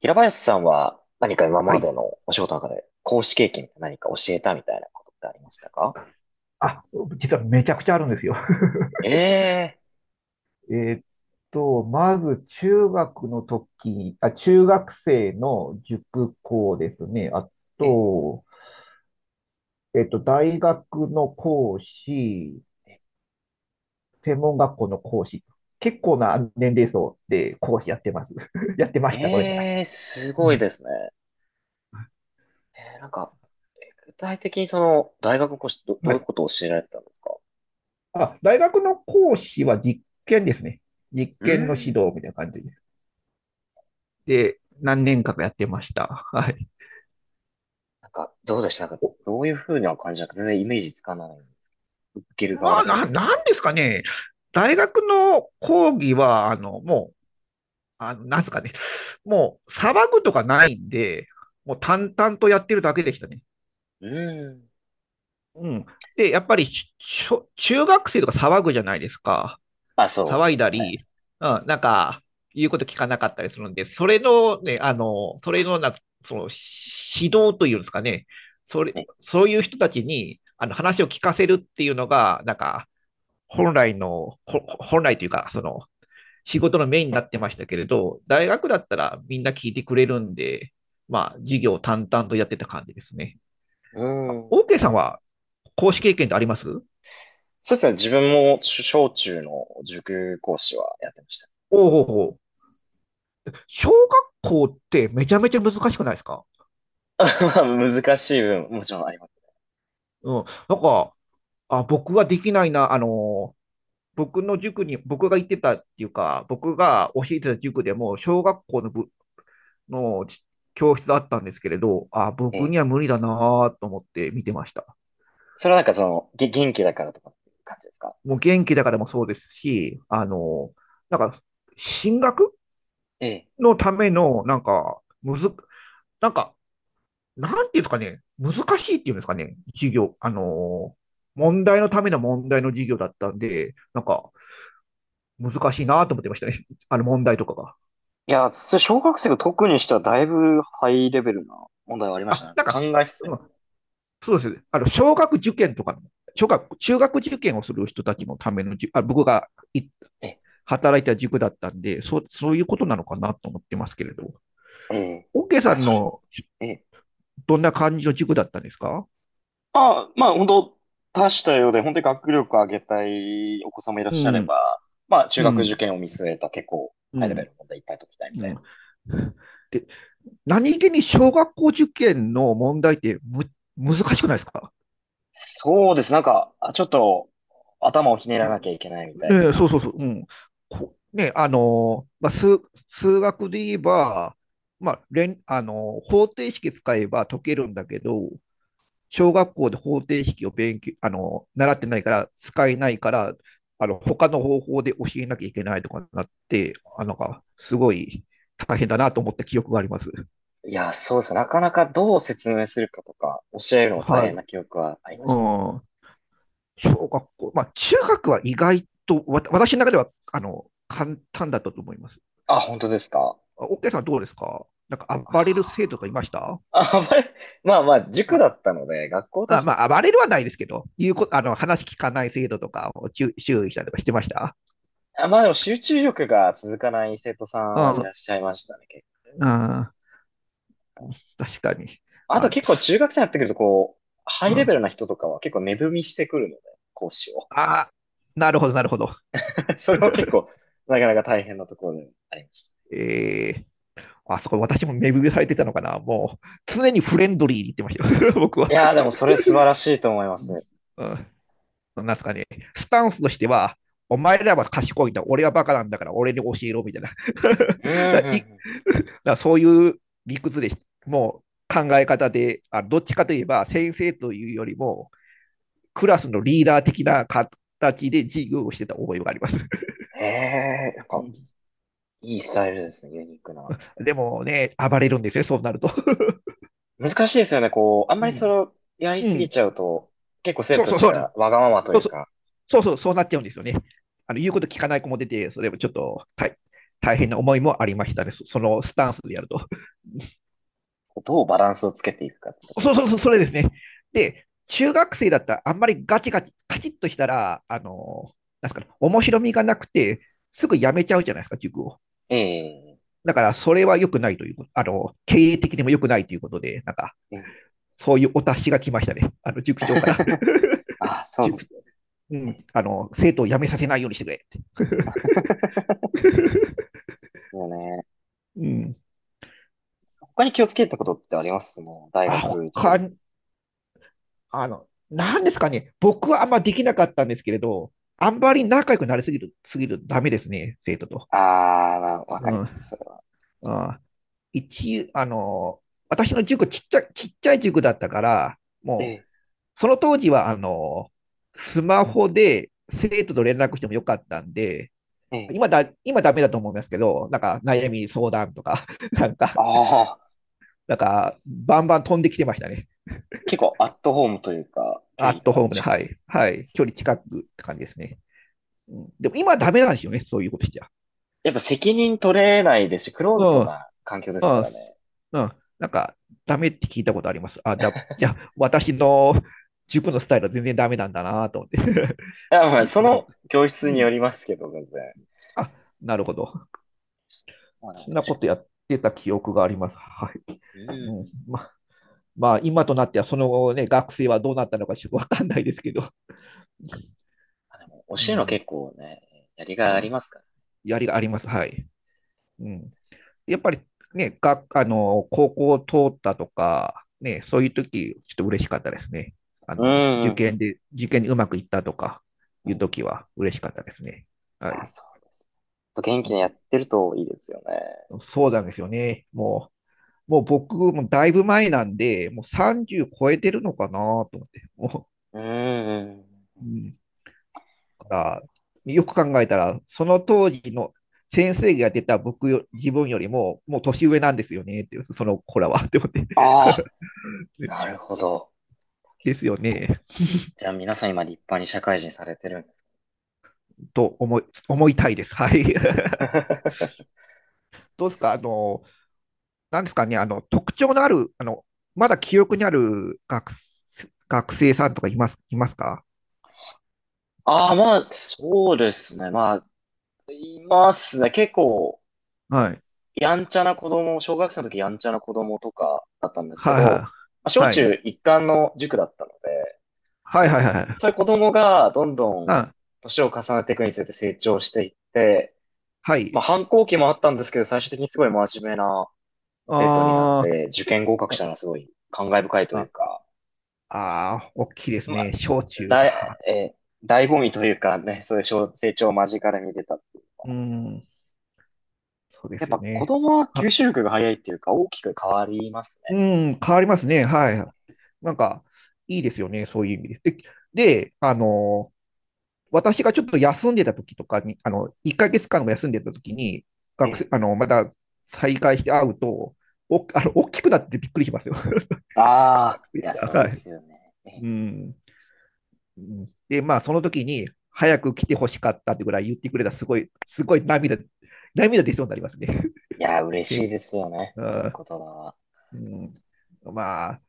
平林さんは何か今はまい。でのお仕事の中で講師経験何か教えたみたいなことってありましたか？あ、実はめちゃくちゃあるんですよ。え えーっまず中学の時、あ、中学生の塾講ですね。あー、え、と、えーっと、大学の講師、専門学校の講師。結構な年齢層で講師やってます。やってました。ごめんなさい。え、すうごいでん、すね。えー、なんか、具体的に大学の講師どはういうい。ことを教えられてたんですか？あ、大学の講師は実験ですね。実うー験の指導ん。みたいな感じです。で、何年間かやってました。はい。どうでした？どういうふうな感じなのか全然イメージつかないんですけど。受ける側まだあ、けど。なんですかね。大学の講義は、あの、もう、なんすかね。もう、騒ぐとかないんで、もう淡々とやってるだけでしたね。うーん。うん。で、やっぱり、中学生とか騒ぐじゃないですか。あ、そう騒でいだすね。り、うえ、ん、なんか、言うこと聞かなかったりするんで、それのね、あの、それのな、その、指導というんですかね。それ、え、そういう人たちに、あの、話を聞かせるっていうのが、なんか、本来というか、その、仕事のメインになってましたけれど、大学だったらみんな聞いてくれるんで、まあ、授業を淡々とやってた感じですね。うーオん。ーケーそ、さんは、講師経験ってありますおうそうですね。自分も小中の塾講師はやってました。おうおう、小学校ってめちゃめちゃ難しくないですか？ まあ難しい分、もちろんあります。うん。なんか、あ、僕はできないな、あの、僕の塾に、僕が行ってたっていうか、僕が教えてた塾でも、小学校の教室だったんですけれど、あ、え僕え。には無理だなと思って見てました。それはなんか元気だからとかっていう感じですか？もう元気だからもそうですし、あの、なんか、進学ええ。のための、なんか、むず、なんか、なんていうんですかね、難しいっていうんですかね、授業、あの、問題のための問題の授業だったんで、なんか、難しいなと思ってましたね、あの問題とかが。いや、小学生が特にしてはだいぶハイレベルな問題はありましたね。あ、なんかなんか、考えさせうる。ん、そうですね、あの、小学受験とかの、小学、中学受験をする人たちのためのあ、僕がいえ働いた塾だったんで、そういうことなのかなと思ってますけれど。え、ええ。オッケーさあ、んそのれ。ええ。どんな感じの塾だったんですか？あ、まあ本当多種多様で、本当に学力を上げたいお子様いらっうしゃれん、ば、まあ中う学ん、受験を見据えた結構うハイレベルん、の問題いっぱい解きたいみうたいな。ん。で、何気に小学校受験の問題って難しくないですか？そうです。ちょっと頭をひねうらなきゃん、いけないみたいね、な。そうそうそう。うん、あのー、まあ、数学で言えば、まあ、あのー、方程式使えば解けるんだけど、小学校で方程式を勉強、あの、習ってないから、使えないから、あの、他の方法で教えなきゃいけないとかになって、あの、すごい大変だなと思った記憶があります。いや、そうですね。なかなかどう説明するかとか、教えるのも大はい。変な記憶はあうりましたね。ん。小学校、まあ、中学は意外と、私の中では、あの、簡単だったと思います。あ、本当ですか？おオッケーさんはどうですか？なんか暴れるあ生徒とかいました？ー、あまり、まあまあ、塾まだったので、学校とあ、して、まあ、暴れるはないですけど、いうことあの、話聞かない生徒とかを注意したりとかしてました。あ、まあでも集中力が続かない生徒さうんはいらん。っしゃいましたね。結構うん。 確かに。あとあ、結構中学生になってくると、こう、ハイうレん、ベルな人とかは結構値踏みしてくるので、講師を。あー、なるほど。それは結構、なかなか大変なところでありました。えー、あそこ私も目指されてたのかな。もう、常にフレンドリーに言ってましたよ。僕いは。やー、でもそれ素晴らしいと思います。うん、うなんすかね。スタンスとしては、お前らは賢いんだ、俺はバカなんだから、俺に教えろ、みたいな。うん、う だん、いうだからそういう理屈で、もう考え方で、あ、どっちかといえば、先生というよりも、クラスのリーダー的な形で授業をしてた覚えがあります。ん。いいスタイルですね、ユニークな。でもね、暴れるんですよ、そうなると。難しいですよね。こう、あんまうりそれん。をやりうすぎん。ちゃうと、結構生そう徒たそうちそうながん。わがままとそいううそう。か、そうそう、そうなっちゃうんですよね。あの、言うこと聞かない子も出て、それもちょっと大変な思いもありましたね。そのスタンスでやると。こうどうバランスをつけていくかってと ころです。そう、それですね。で、中学生だったら、あんまりガチガチ、カチッとしたら、あの、なんすかね、面白みがなくて、すぐ辞めちゃうじゃないですか、塾を。ええ、だから、それは良くないということ、あの、経営的にも良くないということで、なんか、ええ そういうお達しが来ましたね。あの、塾長から。あ、そうです。塾うええ ん、あの、生徒を辞めさせないようにしてくれ。そうね、うん。他に気をつけたことってありますもう、大あ、学、中他学。あの、なんですかね。僕はあんまできなかったんですけれど、あんまり仲良くなりすぎるとダメですね、生徒と。ああ、まあ、わかうりん。ます、それは。あ、あの、私の塾ちっちゃ、ちっちゃい塾だったから、えもう、え、その当時は、あの、スマホで生徒と連絡してもよかったんで、ええ。今ダメだと思いますけど、なんか悩み相談とか、なんか、ああ、なんか、バンバン飛んできてましたね。結構アットホームというか、距ア離ットがホームで、近はい。い。はい。距離近くって感じですね。うん、でも今はダメなんですよね、そういうことしちゃ。やっぱ責任取れないですし、クローうズドん。な環境でうすん。からね。うん。なんか、ダメって聞いたことあります。じゃあ、私の塾のスタイルは全然ダメなんだなと思って。 あ、まあ、じそな。の教室うによん。りますけど、全然。あ、なるほど。まあでもそん確なこかとにやってた記憶があります。はい。ううん、ん。ままあ、今となっては、その後ね、学生はどうなったのかちょっとわかんないですけど、あ、でも、教うえるのん、結構ね、やりがいうありん、ますかやりがあります。はい。うん、やっぱりね、あの、高校を通ったとか、ね、そういう時、ちょっと嬉しかったですね。あの、ら。うん。受験にうまくいったとかういうん。時は嬉しかったですね。いはや、い。そうですね。ちょっと元気にやうってるといいですよね。ん、そうなんですよね。もう僕もだいぶ前なんで、もう30超えてるのかなと思って。もうん。う、うん。だから、よく考えたら、その当時の先生が出た僕よ、自分よりも、もう年上なんですよね、っていう、その子らは、って思って。ああ、なる ほど。ですよね。じゃあ皆さん今立派に社会人されてるんですと思い思いたいです。はい。か？ どうですか、あの、なんですかね、あの、特徴のある、あの、まだ記憶にある学生さんとかいますか？ ああ、まあ、そうですね。まあ、いますね。結構、はい。やんちゃな子供、小学生の時やんちゃな子供とかだったんですけはいど、まはあ、い。小はい。中一貫の塾だったので、はいはいはいはい。そういう子供がどんどんな、年を重ねていくにつれて成長していって、はいはいはい、はまあい、反抗期もあったんですけど、最終的にすごい真面目な生徒になっあて、受験合格したー、のはすごい感慨深いというあ、か、ああー、大きいですまね。あ、小中だい、か。えー、醍醐味というかね、そういう小成長を間近で見てたっていう。うん、そうでやっすよぱ子ね。供は吸は、収力が早いっていうか大きく変わりますうん、変わりますね。はい。なんか、いいですよね。そういう意味で。で、あの、私がちょっと休んでた時とかに、あの、1ヶ月間も休んでた時に、学ね。え生、あの、まだ再開して会うと、お、あの、大きくなっててびっくりしますよ。え。ああ、いや、そうはでい。すよね。ええ。うん。うんで、まあ、その時に、早く来てほしかったってぐらい言ってくれた、すごい涙出そうになりますね。いや、嬉先しいですよね。そういう生。言葉は。うん。まあ、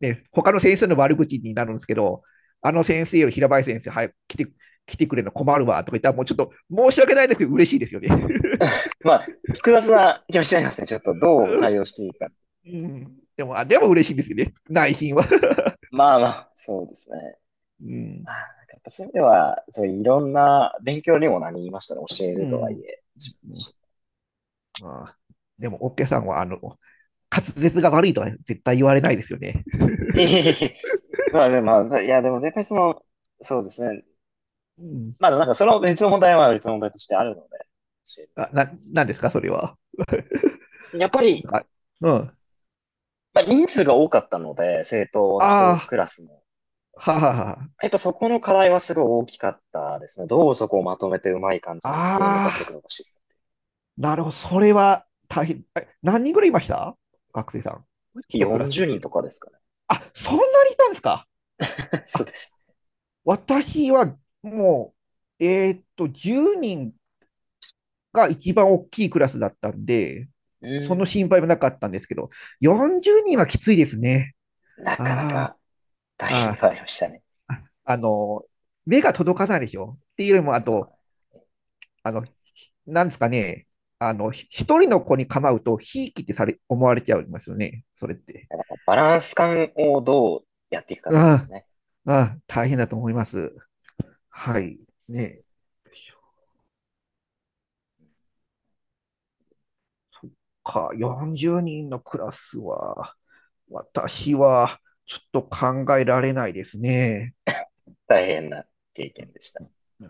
ね、他の先生の悪口になるんですけど、あの先生より平林先生、早く来て、来てくれるの困るわとか言ったら、もうちょっと申し訳ないですけど、嬉しいですよね。まあ、複雑な気もしちゃいますね。ちょっとどう対 応していいか。でも嬉しいんですよね。内心は。まあまあ、そうですね。うん。まあ、なんかやっぱそういう意味では、そういろんな勉強にもなりましたね。教えうるとはいん。え。まあ、でも、オッケーさんは、あの、滑舌が悪いとは絶対言われないですよね。いえいえいえ、まあでも、まあいやでも絶対その、そうですね。うん。まあなんかその別の問題は別の問題としてあるので、教えるなんですか、それは。やっぱり、あ、うん。まあ人数が多かったので、政党の一あクラスも。あ、ははは。やっぱそこの課題はすごい大きかったですね。どうそこをまとめてうまい感じに全員のあ学力あ、伸ばしていく。なるほど。それは大変。え、何人ぐらいいました？学生さん。一クラス40って人いう。とかですかね。あ、そんなにいたんですか？ そあ、うです。私はもう、10人が一番大きいクラスだったんで、うそのん。心配もなかったんですけど、40人はきついですね。なかなあか。大変であ、はありましたね。ああ、の、目が届かないでしょ。っていうよりも、あ届かと、ない。あの、なんですかね、あの、一人の子に構うと、ひいきってされ、思われちゃいますよね。それって。バランス感をどうやっていくかってことであすね。あ、ああ、大変だと思います。はい。ね。そっか、40人のクラスは、私は、ちょっと考えられないですね。大変な経験でした。